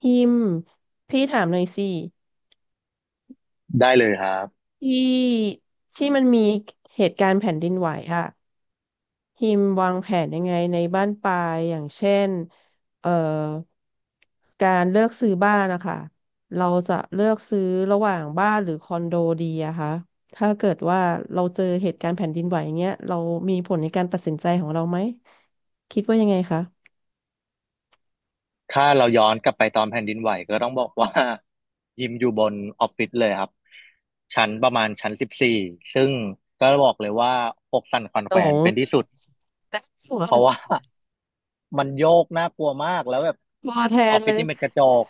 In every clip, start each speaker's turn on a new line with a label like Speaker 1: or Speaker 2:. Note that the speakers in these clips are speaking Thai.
Speaker 1: พิมพ์พี่ถามหน่อยสิ
Speaker 2: ได้เลยครับ
Speaker 1: ที่ที่มันมีเหตุการณ์แผ่นดินไหวอะพิมพ์วางแผนยังไงในบ้านปลายอย่างเช่นเอ่อการเลือกซื้อบ้านนะคะเราจะเลือกซื้อระหว่างบ้านหรือคอนโดดีอะคะถ้าเกิดว่าเราเจอเหตุการณ์แผ่นดินไหวอย่างเงี้ยเรามีผลในการตัดสินใจของเราไหมคิดว่ายังไงคะ
Speaker 2: ถ้าเราย้อนกลับไปตอนแผ่นดินไหวก็ต้องบอกว่า ยิมอยู่บนออฟฟิศเลยครับชั้นประมาณชั้น 14ซึ่งก็บอกเลยว่าอกสั่นขวัญ
Speaker 1: โต
Speaker 2: แขวน
Speaker 1: ง
Speaker 2: เป็นที่สุด
Speaker 1: แต่หัว
Speaker 2: เพราะว่า มันโยกน่ากลัวมากแล้วแบบ
Speaker 1: ตัวแท
Speaker 2: อ
Speaker 1: น
Speaker 2: อฟฟิ
Speaker 1: เล
Speaker 2: ศ
Speaker 1: ย
Speaker 2: นี่เป็นกระจก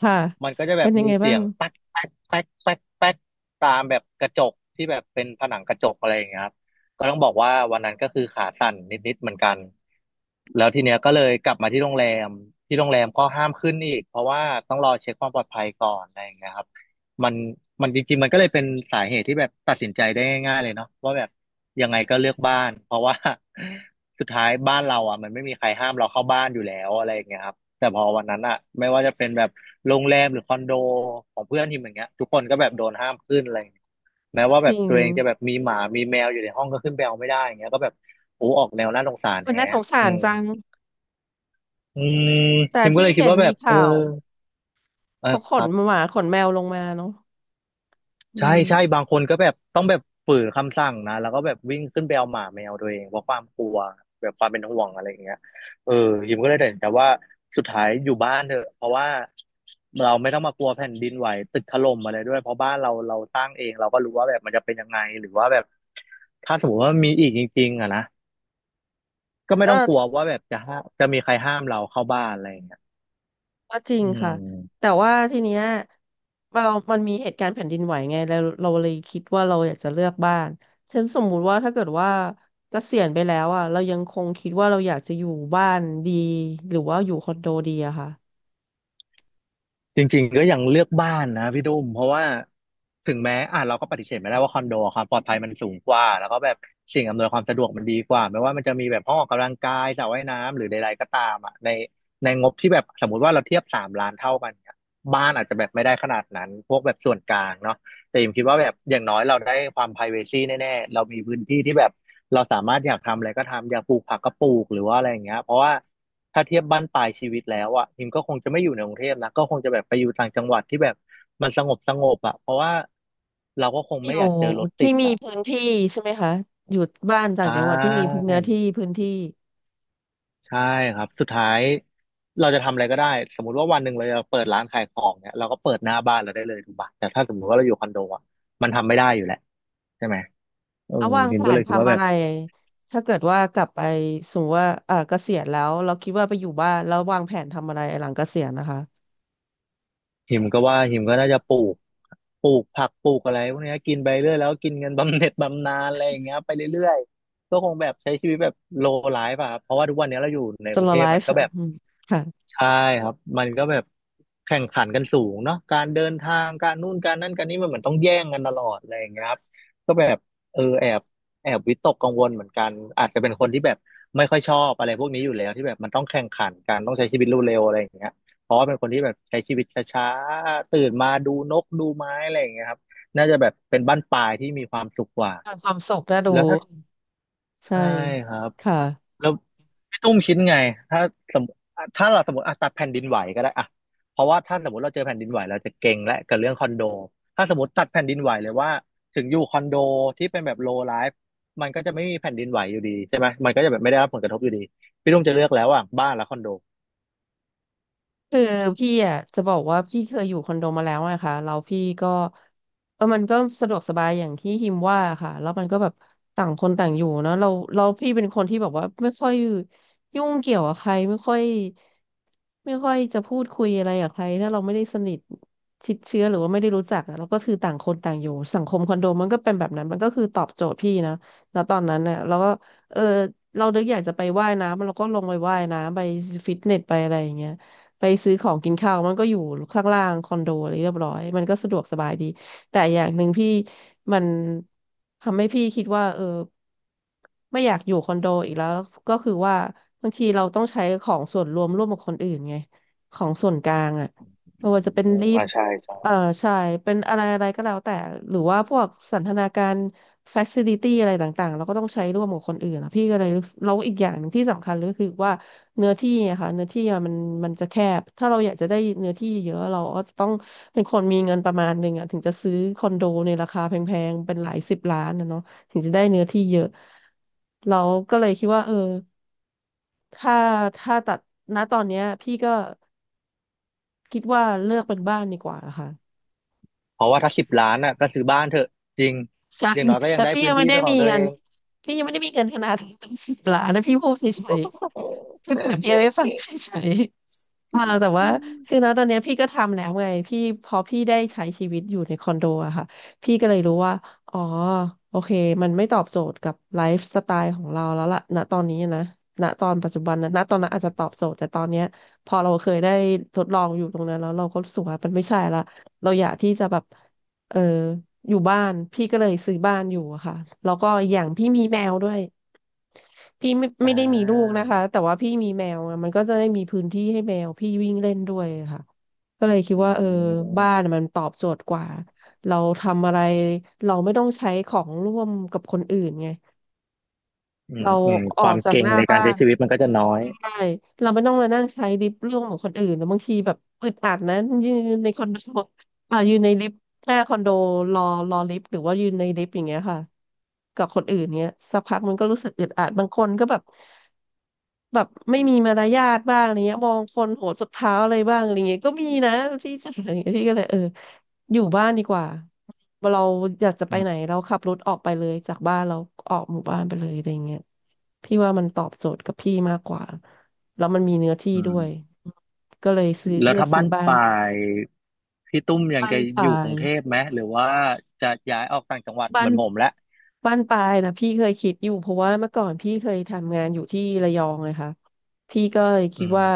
Speaker 1: ค่ะ
Speaker 2: มันก็จะแบ
Speaker 1: เป็
Speaker 2: บ
Speaker 1: นยัง
Speaker 2: มี
Speaker 1: ไง
Speaker 2: เสี
Speaker 1: บ้า
Speaker 2: ย
Speaker 1: ง
Speaker 2: งแป๊กแป๊กแป๊กแป๊กแป๊กตามแบบกระจกที่แบบเป็นผนังกระจกอะไรอย่างเงี้ยครับก็ต้องบอกว่าวันนั้นก็คือขาสั่นนิดๆเหมือนกันแล้วทีเนี้ยก็เลยกลับมาที่โรงแรมที่โรงแรมก็ห้ามขึ้นอีกเพราะว่าต้องรอเช็คความปลอดภัยก่อนอะไรอย่างเงี้ยครับมันมันจริงๆมันก็เลยเป็นสาเหตุที่แบบตัดสินใจได้ง่ายๆเลยเนาะว่าแบบยังไงก็เลือกบ้านเพราะว่า สุดท้ายบ้านเราอ่ะมันไม่มีใครห้ามเราเข้าบ้านอยู่แล้วอะไรอย่างเงี้ยครับ แต่พอวันนั้นอะไม่ว่าจะเป็นแบบโรงแรมหรือคอนโดของเพื่อนทีมอย่างเงี้ยทุกคนก็แบบโดนห้ามขึ้นอะไรอย่างเงี้ยแม้
Speaker 1: ก็
Speaker 2: ว่า
Speaker 1: จ
Speaker 2: แบบ
Speaker 1: ริง
Speaker 2: ตัวเองจะแบบมีหมามีแมวอยู่ในห้องก็ขึ้นไปเอาไม่ได้อย่างเงี้ยก็แบบโอ้ออกแนวน่าสงสาร
Speaker 1: มัน
Speaker 2: แฮะ
Speaker 1: น่าสงสา
Speaker 2: อื
Speaker 1: ร
Speaker 2: ม
Speaker 1: จัง
Speaker 2: อืม
Speaker 1: แต่
Speaker 2: ทิมก็
Speaker 1: ที่
Speaker 2: เลยคิด
Speaker 1: เห็น
Speaker 2: ว่าแบ
Speaker 1: มี
Speaker 2: บเออ
Speaker 1: ข่าว
Speaker 2: เออ
Speaker 1: เขาข
Speaker 2: ค
Speaker 1: น
Speaker 2: รับ
Speaker 1: หมาขนแมวลงมาเนาะอื
Speaker 2: ใช่ใช่
Speaker 1: ม
Speaker 2: บางคนก็แบบต้องแบบฝืนคำสั่งนะแล้วก็แบบวิ่งขึ้นไปเอาหมาแมวตัวเองเพราะความกลัวแบบความเป็นห่วงอะไรอย่างเงี้ยเออยิมก็เลยตัดสินใจว่าสุดท้ายอยู่บ้านเถอะเพราะว่าเราไม่ต้องมากลัวแผ่นดินไหวตึกถล่มอะไรด้วยเพราะบ้านเราเราสร้างเองเราก็รู้ว่าแบบมันจะเป็นยังไงหรือว่าแบบถ้าสมมติว่ามีอีกจริงๆอ่ะนะก็ไม่ต้องกลัว
Speaker 1: ก็
Speaker 2: ว่าแบบจะมีใครห้ามเราเข้าบ้านอะไรอย่างเงี้ย
Speaker 1: ก็จริง
Speaker 2: อื
Speaker 1: ค่ะ
Speaker 2: ม
Speaker 1: แต่ว่าทีเนี้ยเรามันมีเหตุการณ์แผ่นดินไหวไงแล้วเราเลยคิดว่าเราอยากจะเลือกบ้านเช่นสมมุติว่าถ้าเกิดว่าเกษียณไปแล้วอ่ะเรายังคงคิดว่าเราอยากจะอยู่บ้านดีหรือว่าอยู่คอนโดดีอะค่ะ
Speaker 2: จริงๆก็ยังเลือกบ้านนะพี่ดุ้มเพราะว่าถึงแม้อ่ะเราก็ปฏิเสธไม่ได้ว่าคอนโดความปลอดภัยมันสูงกว่าแล้วก็แบบสิ่งอำนวยความสะดวกมันดีกว่าไม่ว่ามันจะมีแบบห้องออกกำลังกายสระว่ายน้ำหรือใดๆก็ตามอ่ะในงบที่แบบสมมติว่าเราเทียบ3 ล้านเท่ากันเนี่ยบ้านอาจจะแบบไม่ได้ขนาดนั้นพวกแบบส่วนกลางเนาะ แต่อมคิดว่าแบบอย่างน้อยเราได้ความ privacy แน่ๆเรามีพื้นที่ที่แบบเราสามารถอยากทำอะไรก็ทำอยากปลูกผักก็ปลูกหรือว่าอะไรอย่างเงี้ยเพราะว่าถ้าเทียบบ้านปลายชีวิตแล้วอ่ะพิมก็คงจะไม่อยู่ในกรุงเทพนะก็คงจะแบบไปอยู่ต่างจังหวัดที่แบบมันสงบสงบอ่ะเพราะว่าเราก็คง
Speaker 1: อ
Speaker 2: ไม่
Speaker 1: ยู่
Speaker 2: อยากเจอรถติ
Speaker 1: ที่
Speaker 2: ด
Speaker 1: มี
Speaker 2: อ่ะ
Speaker 1: พื้นที่ใช่ไหมคะอยู่บ้าน
Speaker 2: ใช
Speaker 1: ต่างจังหวัดที่มีพื้
Speaker 2: ่
Speaker 1: นเนื้อที่พื้นที่
Speaker 2: ใช่ครับสุดท้ายเราจะทำอะไรก็ได้สมมุติว่าวันหนึ่งเราจะเปิดร้านขายของเนี่ยเราก็เปิดหน้าบ้านเราได้เลยถูกปะแต่ถ้าสมมติว่าเราอยู่คอนโดอ่ะมันทำไม่ได้อยู่แหละใช่ไหม เออ
Speaker 1: เอาวาง
Speaker 2: ฮิ
Speaker 1: แผ
Speaker 2: มก็
Speaker 1: น
Speaker 2: เลยคิดว่า
Speaker 1: ทำ
Speaker 2: แบ
Speaker 1: อะ
Speaker 2: บ
Speaker 1: ไรถ้าเกิดว่ากลับไปสมมติว่าเออเกษียณแล้วเราคิดว่าไปอยู่บ้านแล้ววางแผนทำอะไรหลังเกษียณนะคะ
Speaker 2: ฮิมก็ว่าฮิมก็น่าจะปลูกผักปลูกอะไรพวกเนี้ยกินไปเรื่อยแล้วกินเงินบำเหน็จบำนาญอะไรอย่างเงี้ยไปเรื่อยๆก็คงแบบใช้ชีวิตแบบโลไลฟ์อะครับเพราะว่าทุกวันเนี้ยเราอยู่ใน
Speaker 1: ส
Speaker 2: กรุ
Speaker 1: โล
Speaker 2: งเท
Speaker 1: ไล
Speaker 2: พมัน
Speaker 1: ฟ์
Speaker 2: ก็แบบ
Speaker 1: ค่ะ
Speaker 2: ใช่ครับ มันก็แบบแข่งขันกันสูงเนาะการเดินทางการนู่นการนั่นการนี้มันเหมือนต้องแย่งกันตลอดอะไรอย่างเงี้ยครับก็แบบเออแอบวิตกกังวลเหมือนกันอาจจะเป็นคนที่แบบไม่ค่อยชอบอะไรพวกนี้อยู่แล้วที่แบบมันต้องแข่งขันกันต้องใช้ชีวิตเร็วๆอะไรอย่างเงี้ยเพราะว่าเป็นคนที่แบบใช้ชีวิตช้าๆตื่นมาดูนกดูไม้อะไรอย่างเงี้ยครับน่าจะแบบเป็นบั้นปลายที่มีความสุขกว่า
Speaker 1: ทำความสุขน่าดู
Speaker 2: แล้วถ้า
Speaker 1: ใช่
Speaker 2: ใช่ครับ
Speaker 1: ค่ะ
Speaker 2: แล้วพี่ตุ้มคิดไงถ้าสมมติถ้าเราสมมติอ่ะตัดแผ่นดินไหวก็ได้อ่ะเพราะว่าถ้าสมมติเราเจอแผ่นดินไหวเราจะเก่งและกับเรื่องคอนโดถ้าสมมติตัดแผ่นดินไหวเลยว่าถึงอยู่คอนโดที่เป็นแบบโลไลฟ์มันก็จะไม่มีแผ่นดินไหวอยู่ดีใช่ไหมมันก็จะแบบไม่ได้รับผลกระทบอยู่ดีพี่ตุ้มจะเลือกแล้วอ่ะบ้านและคอนโด
Speaker 1: คือพี่อ่ะจะบอกว่าพี่เคยอยู่คอนโดมาแล้วอะค่ะแล้วพี่ก็เออมันก็สะดวกสบายอย่างที่ฮิมว่าค่ะแล้วมันก็แบบต่างคนต่างอยู่เนาะเราพี่เป็นคนที่แบบว่าไม่ค่อยยุ่งเกี่ยวกับใครไม่ค่อยจะพูดคุยอะไรกับใครถ้าเราไม่ได้สนิทชิดเชื้อหรือว่าไม่ได้รู้จักอะเราก็คือต่างคนต่างอยู่สังคมคอนโดมันก็เป็นแบบนั้นมันก็คือตอบโจทย์พี่นะแล้วตอนนั้นเนี่ยเราก็เออเรานึกอยากจะไปว่ายน้ำเราก็ลงไปว่ายน้ำไปฟิตเนสไปอะไรอย่างเงี้ย ไปซื้อของกินข้าวมันก็อยู่ข้างล่างคอนโดอะไรเรียบร้อยมันก็สะดวกสบายดีแต่อย่างหนึ่งพี่มันทำให้พี่คิดว่าเออไม่อยากอยู่คอนโดอีกแล้วก็คือว่าบางทีเราต้องใช้ของส่วนรวมร่วมกับคนอื่นไงของส่วนกลางอ่ะไม่ว่าจะเป็น
Speaker 2: อืม
Speaker 1: ลิฟ
Speaker 2: อ่า
Speaker 1: ต์
Speaker 2: ใช่ใช่
Speaker 1: เอ่อใช่เป็นอะไรอะไรก็แล้วแต่หรือว่าพวกสันทนาการ f a c i l i t y อะไรต่างๆเราก็ต้องใช้ร่วมกับคนอื่นอะพี่ก็เลยรู้สึกแล้วอีกอย่างหนึ่งที่สำคัญเลยก็คือว่า เนื้อที่อะค่ะเนื้อที่อะมันมันจะแคบถ้าเราอยากจะได้เนื้อที่เยอะเราก็ต้องเป็นคนมีเงินประมาณหนึ่งอะถึงจะซื้อคอนโดในราคาแพงๆเป็นหลายสิบล้านนะเนาะถึงจะได้เนื้อที่เยอะเราก็เลยคิดว่าเออถ้าตัดณตอนเนี้ยพี่ก็คิดว่าเลือกเป็นบ้านดีกว่าค่ะ
Speaker 2: เพราะว่าถ้า10 ล้านอ่ะก็ซื้อบ้านเถอะจริง
Speaker 1: ใช่
Speaker 2: อย่างน้อยก็ยั
Speaker 1: แล้
Speaker 2: ง
Speaker 1: ว
Speaker 2: ได้
Speaker 1: พี่
Speaker 2: พื้
Speaker 1: ยั
Speaker 2: น
Speaker 1: งไม่
Speaker 2: ที่
Speaker 1: ได้
Speaker 2: เป็นข
Speaker 1: มี
Speaker 2: องตัว
Speaker 1: เงิ
Speaker 2: เอ
Speaker 1: น
Speaker 2: ง
Speaker 1: พี่ยังไม่ได้มีเงินขนาดตั้งสิบล้านนะพี่พูดเฉยๆพี่เปรียบเทียบให้ฟังเฉยๆอ่าแต่ว่าคือนะตอนเนี้ยพี่ก็ทำแล้วไงพี่พอพี่ได้ใช้ชีวิตอยู่ในคอนโดอะค่ะพี่ก็เลยรู้ว่าอ๋อโอเคมันไม่ตอบโจทย์กับไลฟ์สไตล์ของเราแล้วล่ะณตอนนี้นะณตอนปัจจุบันนะณตอนนั้
Speaker 2: อ
Speaker 1: นอาจ
Speaker 2: ม
Speaker 1: จะตอบโจทย์แต่ตอนเนี้ยพอเราเคยได้ทดลองอยู่ตรงนั้นแล้วเราก็รู้สึกว่ามันไม่ใช่ละเราอยากที่จะแบบ เอออยู่บ้านพี่ก็เลยซื้อบ้านอยู่อะค่ะแล้วก็อย่างพี่มีแมวด้วยพี่ไม่
Speaker 2: อ่
Speaker 1: ไม่ได้มีลูก
Speaker 2: า
Speaker 1: นะคะแต่ว่าพี่มีแมวอะมันก็จะได้มีพื้นที่ให้แมวพี่วิ่งเล่นด้วยอะค่ะก็เลยคิด
Speaker 2: อื
Speaker 1: ว่าเออบ้าน
Speaker 2: ม
Speaker 1: มันตอบโจทย์กว่าเราทำอะไรเราไม่ต้องใช้ของร่วมกับคนอื่นไง
Speaker 2: อืม
Speaker 1: เรา
Speaker 2: อืม
Speaker 1: อ
Speaker 2: ค
Speaker 1: อ
Speaker 2: วา
Speaker 1: ก
Speaker 2: ม
Speaker 1: จาก
Speaker 2: เก่
Speaker 1: ห
Speaker 2: ง
Speaker 1: น้า
Speaker 2: ในการ
Speaker 1: บ้า
Speaker 2: ใช้
Speaker 1: น
Speaker 2: ชีวิตมันก็จะน้อย
Speaker 1: ใช่เราไม่ต้องมานั่งใช้ลิฟต์ร่วมของคนอื่นแล้วบางทีแบบอึดอัดนะยืนในคอนโด อ่ายืนในลิฟต์หน้าคอนโดรอรอลิฟต์หรือว่ายืนในลิฟต์อย่างเงี้ยค่ะกับคนอื่นเงี้ยสักพักมันก็รู้สึกอึดอัดบางคนก็แบบ แบบไม่มีมารยาทบ้างอะไรเงี้ยมองคนโหวสุดเท้าอะไรบ้างอะไรเงี้ยก็มีนะที่จะ อะไรเงี้ยที่ก็เลยเอออยู่บ้านดีกว่าเราอยากจะไป
Speaker 2: อืม
Speaker 1: ไหนเราขับรถออกไปเลยจากบ้านเราออกหมู่บ้านไปเลยอะไรเงี้ยพี่ว่ามันตอบโจทย์กับพี่มากกว่าแล้วมันมีเนื้อที่
Speaker 2: อื
Speaker 1: ด้วย
Speaker 2: ม
Speaker 1: ก็เลยซื้อ
Speaker 2: แล้ว
Speaker 1: เลือก
Speaker 2: ถ้า
Speaker 1: ซื้
Speaker 2: บ้า
Speaker 1: อ
Speaker 2: น
Speaker 1: บ้า
Speaker 2: ป
Speaker 1: น
Speaker 2: ลา
Speaker 1: อยู่
Speaker 2: ยพี่ตุ้มยัง
Speaker 1: บ้าน
Speaker 2: จะอ
Speaker 1: ป่า
Speaker 2: ยู่กรุ
Speaker 1: ย
Speaker 2: งเทพไหมหรือว่าจะย้ายออกต่างจังหวัด
Speaker 1: บ้า
Speaker 2: เหมื
Speaker 1: น
Speaker 2: อนผมแล้ว
Speaker 1: บ้านปลายนะพี่เคยคิดอยู่เพราะว่าเมื่อก่อนพี่เคยทำงานอยู่ที่ระยองเลยค่ะพี่ก็เลยคิ
Speaker 2: อื
Speaker 1: ด
Speaker 2: ม
Speaker 1: ว่า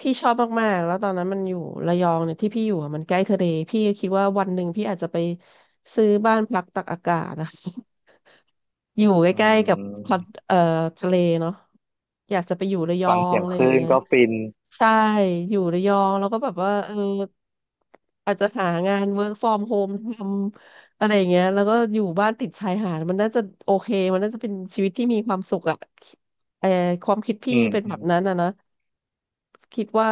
Speaker 1: พี่ชอบมากๆแล้วตอนนั้นมันอยู่ระยองเนี่ยที่พี่อยู่อะมันใกล้ทะเลพี่ก็คิดว่าวันหนึ่งพี่อาจจะไปซื้อบ้านพักตักอากาศนะ อยู่ใก
Speaker 2: อื
Speaker 1: ล้ๆกับคอน
Speaker 2: ม
Speaker 1: เอ่อทะเลเนาะอยากจะไปอยู่ระยอ
Speaker 2: ฟัง
Speaker 1: ง
Speaker 2: เสียง
Speaker 1: อะไร
Speaker 2: ค
Speaker 1: อย่าง
Speaker 2: ลื่น
Speaker 1: เงี้ย
Speaker 2: ก็ฟิน
Speaker 1: ใช่อยู่ระยองแล้วก็แบบว่าเอออาจจะหางาน work from home ทำอะไรอย่างเงี้ยแล้วก็อยู่บ้านติดชายหาดมันน่าจะโอเคมันน่าจะเป็นชีวิตที่มีความสุขอะเออความคิดพี่
Speaker 2: อืม
Speaker 1: เป็น
Speaker 2: อื
Speaker 1: แบ
Speaker 2: ม
Speaker 1: บนั้นอะนะคิดว่า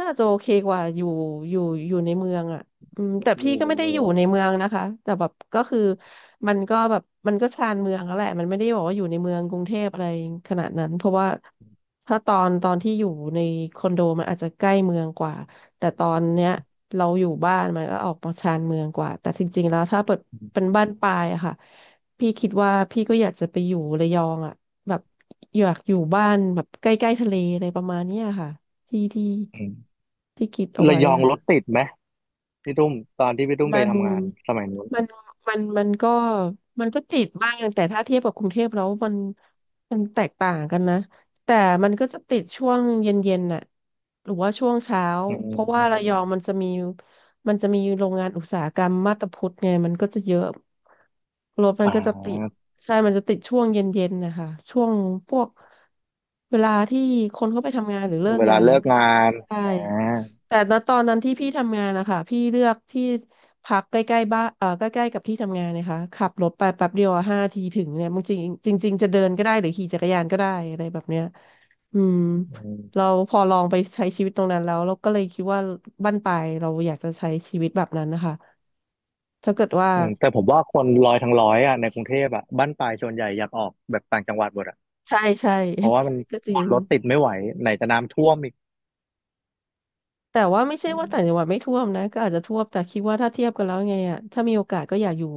Speaker 1: น่าจะโอเคกว่าอยู่อยู่อยู่ในเมืองอะ อืม
Speaker 2: ก็
Speaker 1: แต่
Speaker 2: อ
Speaker 1: พี่
Speaker 2: ยู่
Speaker 1: ก็
Speaker 2: ใน
Speaker 1: ไม่ได้
Speaker 2: เมื
Speaker 1: อ
Speaker 2: อ
Speaker 1: ยู่
Speaker 2: ง
Speaker 1: ในเมืองนะคะแต่แบบก็คือมันก็แบบมันก็ชานเมืองแล้วแหละมันไม่ได้บอกว่าอยู่ในเมืองกรุงเทพอะไรขนาดนั้นเพราะว่าถ้าตอนที่อยู่ในคอนโดมันอาจจะใกล้เมืองกว่าแต่ตอนเนี้ยเราอยู่บ้านมันก็ออกมาชานเมืองกว่าแต่จริงๆแล้วถ้าเปิด
Speaker 2: อื
Speaker 1: เป็
Speaker 2: ม
Speaker 1: นบ้านปลายอะค่ะพี่คิดว่าพี่ก็อยากจะไปอยู่ระยองอะแบบอยากอยู่บ้านแบบใกล้ๆทะเลอะไรประมาณเนี้ยค่ะที่ที่
Speaker 2: อืม
Speaker 1: ที่คิดเอา
Speaker 2: ระ
Speaker 1: ไว้
Speaker 2: ยอง
Speaker 1: อะ
Speaker 2: รถติดไหมพี่ตุ้มตอนที่พี่ตุ้มไป
Speaker 1: มัน
Speaker 2: ทำงานสมัยนู้น
Speaker 1: มันมันก็มันก็ติดบ้างแต่ถ้าเทียบกับกรุงเทพแล้วมันแตกต่างกันนะแต่มันก็จะติดช่วงเย็นๆน่ะหรือว่าช่วงเช้า
Speaker 2: อื
Speaker 1: เพราะว่าระย
Speaker 2: ม
Speaker 1: องมันจะมีโรงงานอุตสาหกรรมมาบตาพุดไงมันก็จะเยอะรถมัน
Speaker 2: อ่
Speaker 1: ก็จะติด
Speaker 2: า
Speaker 1: ใช่มันจะติดช่วงเย็นๆนะคะช่วงพวกเวลาที่คนเขาไปทำงานหรือเลิก
Speaker 2: เว
Speaker 1: งา
Speaker 2: ลา
Speaker 1: นเนี่ย
Speaker 2: เลิ
Speaker 1: มั
Speaker 2: ก
Speaker 1: นก็
Speaker 2: งาน
Speaker 1: ใช่
Speaker 2: อ่า
Speaker 1: แต่ณตอนนั้นที่พี่ทำงานนะคะพี่เลือกที่พักใกล้ๆบ้านใกล้ๆกับที่ทำงานนะคะขับรถไปแป๊บเดียวห้าทีถึงเนี่ยบางทีจริงจริงๆจะเดินก็ได้หรือขี่จักรยานก็ได้อะไรแบบเนี้ยอืมเราพอลองไปใช้ชีวิตตรงนั้นแล้วเราก็เลยคิดว่าบั้นปลายเราอยากจะใช้ชีวิตแบบนั้นนะคะถ้าเกิดว่า
Speaker 2: อืมแต่ผมว่าคนร้อยทั้งร้อยอ่ะในกรุงเทพอ่ะบ้านปลายส่วนใหญ่อยากออกแบบต่างจังหวัดหมดอ่ะ
Speaker 1: ใช่ใช่
Speaker 2: เพราะว่ามัน
Speaker 1: ก็จริง
Speaker 2: รถติดไม่ไหวไหนจะน้ำท่วมอีก
Speaker 1: แต่ว่าไม่ใช่ว่าต่างจังหวัดไม่ท่วมนะก็อาจจะท่วมแต่คิดว่าถ้าเทียบกันแล้วไงอ่ะถ้ามีโอกาสก็อยากอยู่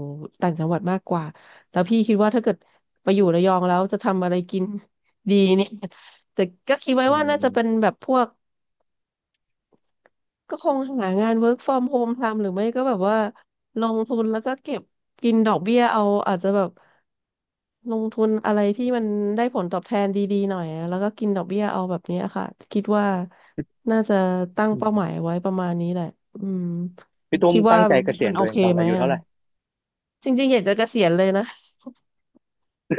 Speaker 1: ต่างจังหวัดมากกว่าแล้วพี่คิดว่าถ้าเกิดไปอยู่ระยองแล้วจะทำอะไรกิน ดีเนี่ย แต่ก็คิดไว้
Speaker 2: อื
Speaker 1: ว่าน่าจะเป็น
Speaker 2: ม
Speaker 1: แบบพวกก็คงหางาน work from home ทำหรือไม่ก็แบบว่าลงทุนแล้วก็เก็บกินดอกเบี้ยเอาอาจจะแบบ ลงทุนอะไรที่มันได้ผลตอบแทนดีๆหน่อยอะแล้วก็กินดอกเบี้ยเอาแบบเนี้ยค่ะคิดว่าน่าจะตั้ง
Speaker 2: อื
Speaker 1: เป้าหมา
Speaker 2: ม
Speaker 1: ยไว้ประมาณนี้แหละอืม
Speaker 2: พี่ตุ้ม
Speaker 1: คิดว่า
Speaker 2: ตั้งใจเกษี
Speaker 1: มั
Speaker 2: ย
Speaker 1: น
Speaker 2: ณ
Speaker 1: โอ
Speaker 2: ตัวเอ
Speaker 1: เค
Speaker 2: งตอน
Speaker 1: ไหม
Speaker 2: อายุ
Speaker 1: อ่ะ
Speaker 2: เท่าไหร่
Speaker 1: จริงๆอยากจะเกษียณเลยนะ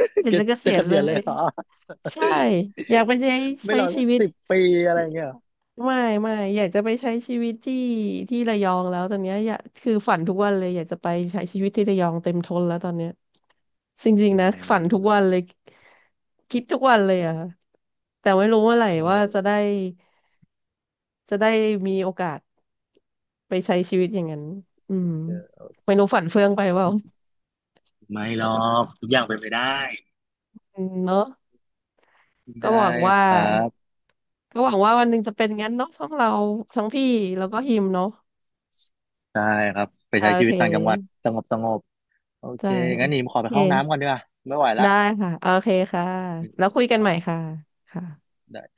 Speaker 1: อ ยาก
Speaker 2: จะ
Speaker 1: จะเกษี
Speaker 2: จะ
Speaker 1: ย
Speaker 2: เก
Speaker 1: ณเล
Speaker 2: ษียณเล
Speaker 1: ย
Speaker 2: ยเหรอ
Speaker 1: ใช่อยากไป ใช้
Speaker 2: ไม่
Speaker 1: ใช้
Speaker 2: รอ
Speaker 1: ชี
Speaker 2: สัก
Speaker 1: วิต
Speaker 2: 10 ปีอะไรเงี้ยเหรอ
Speaker 1: ไม่ไม่อยากจะไปใช้ชีวิตที่ที่ระยองแล้วตอนเนี้ยอยากคือฝันทุกวันเลยอยากจะไปใช้ชีวิตที่ระยองเต็มทนแล้วตอนเนี้ยจริง
Speaker 2: อื
Speaker 1: ๆนะฝันทุกวั
Speaker 2: ม
Speaker 1: นเลยคิดทุกวันเลยอะค่ะแต่ไม่รู้เมื่อไหร่
Speaker 2: อื
Speaker 1: ว่า
Speaker 2: ม
Speaker 1: จะได้จะได้มีโอกาสไปใช้ชีวิตอย่างนั้นอืมไม่รู้ฝันเฟื่องไปเปล่า
Speaker 2: ไม่หรอกทุกอย่างเป็นไปได้
Speaker 1: อืมเนาะก็
Speaker 2: ได้
Speaker 1: หวังว่า
Speaker 2: ครับ
Speaker 1: ก็หวังว่าวันหนึ่งจะเป็นงั้นเนาะทั้งเราทั้งพี่แล้วก็ฮิมเนาะ
Speaker 2: ได้ครับไป
Speaker 1: อ่า
Speaker 2: ใช้
Speaker 1: โอ
Speaker 2: ชี
Speaker 1: เค
Speaker 2: วิตต่างจังหวัดสงบสงบโอเค
Speaker 1: ใช่
Speaker 2: งั้นหนีมข
Speaker 1: โอ
Speaker 2: อไป
Speaker 1: เค
Speaker 2: เข้าห้องน้ำก่อนดีกว่าไม่ไหวละ
Speaker 1: ได้ค่ะโอเคค่ะ
Speaker 2: อื
Speaker 1: แล้ว
Speaker 2: ม
Speaker 1: คุยกันใหม่ค่ะค่ะ
Speaker 2: ได้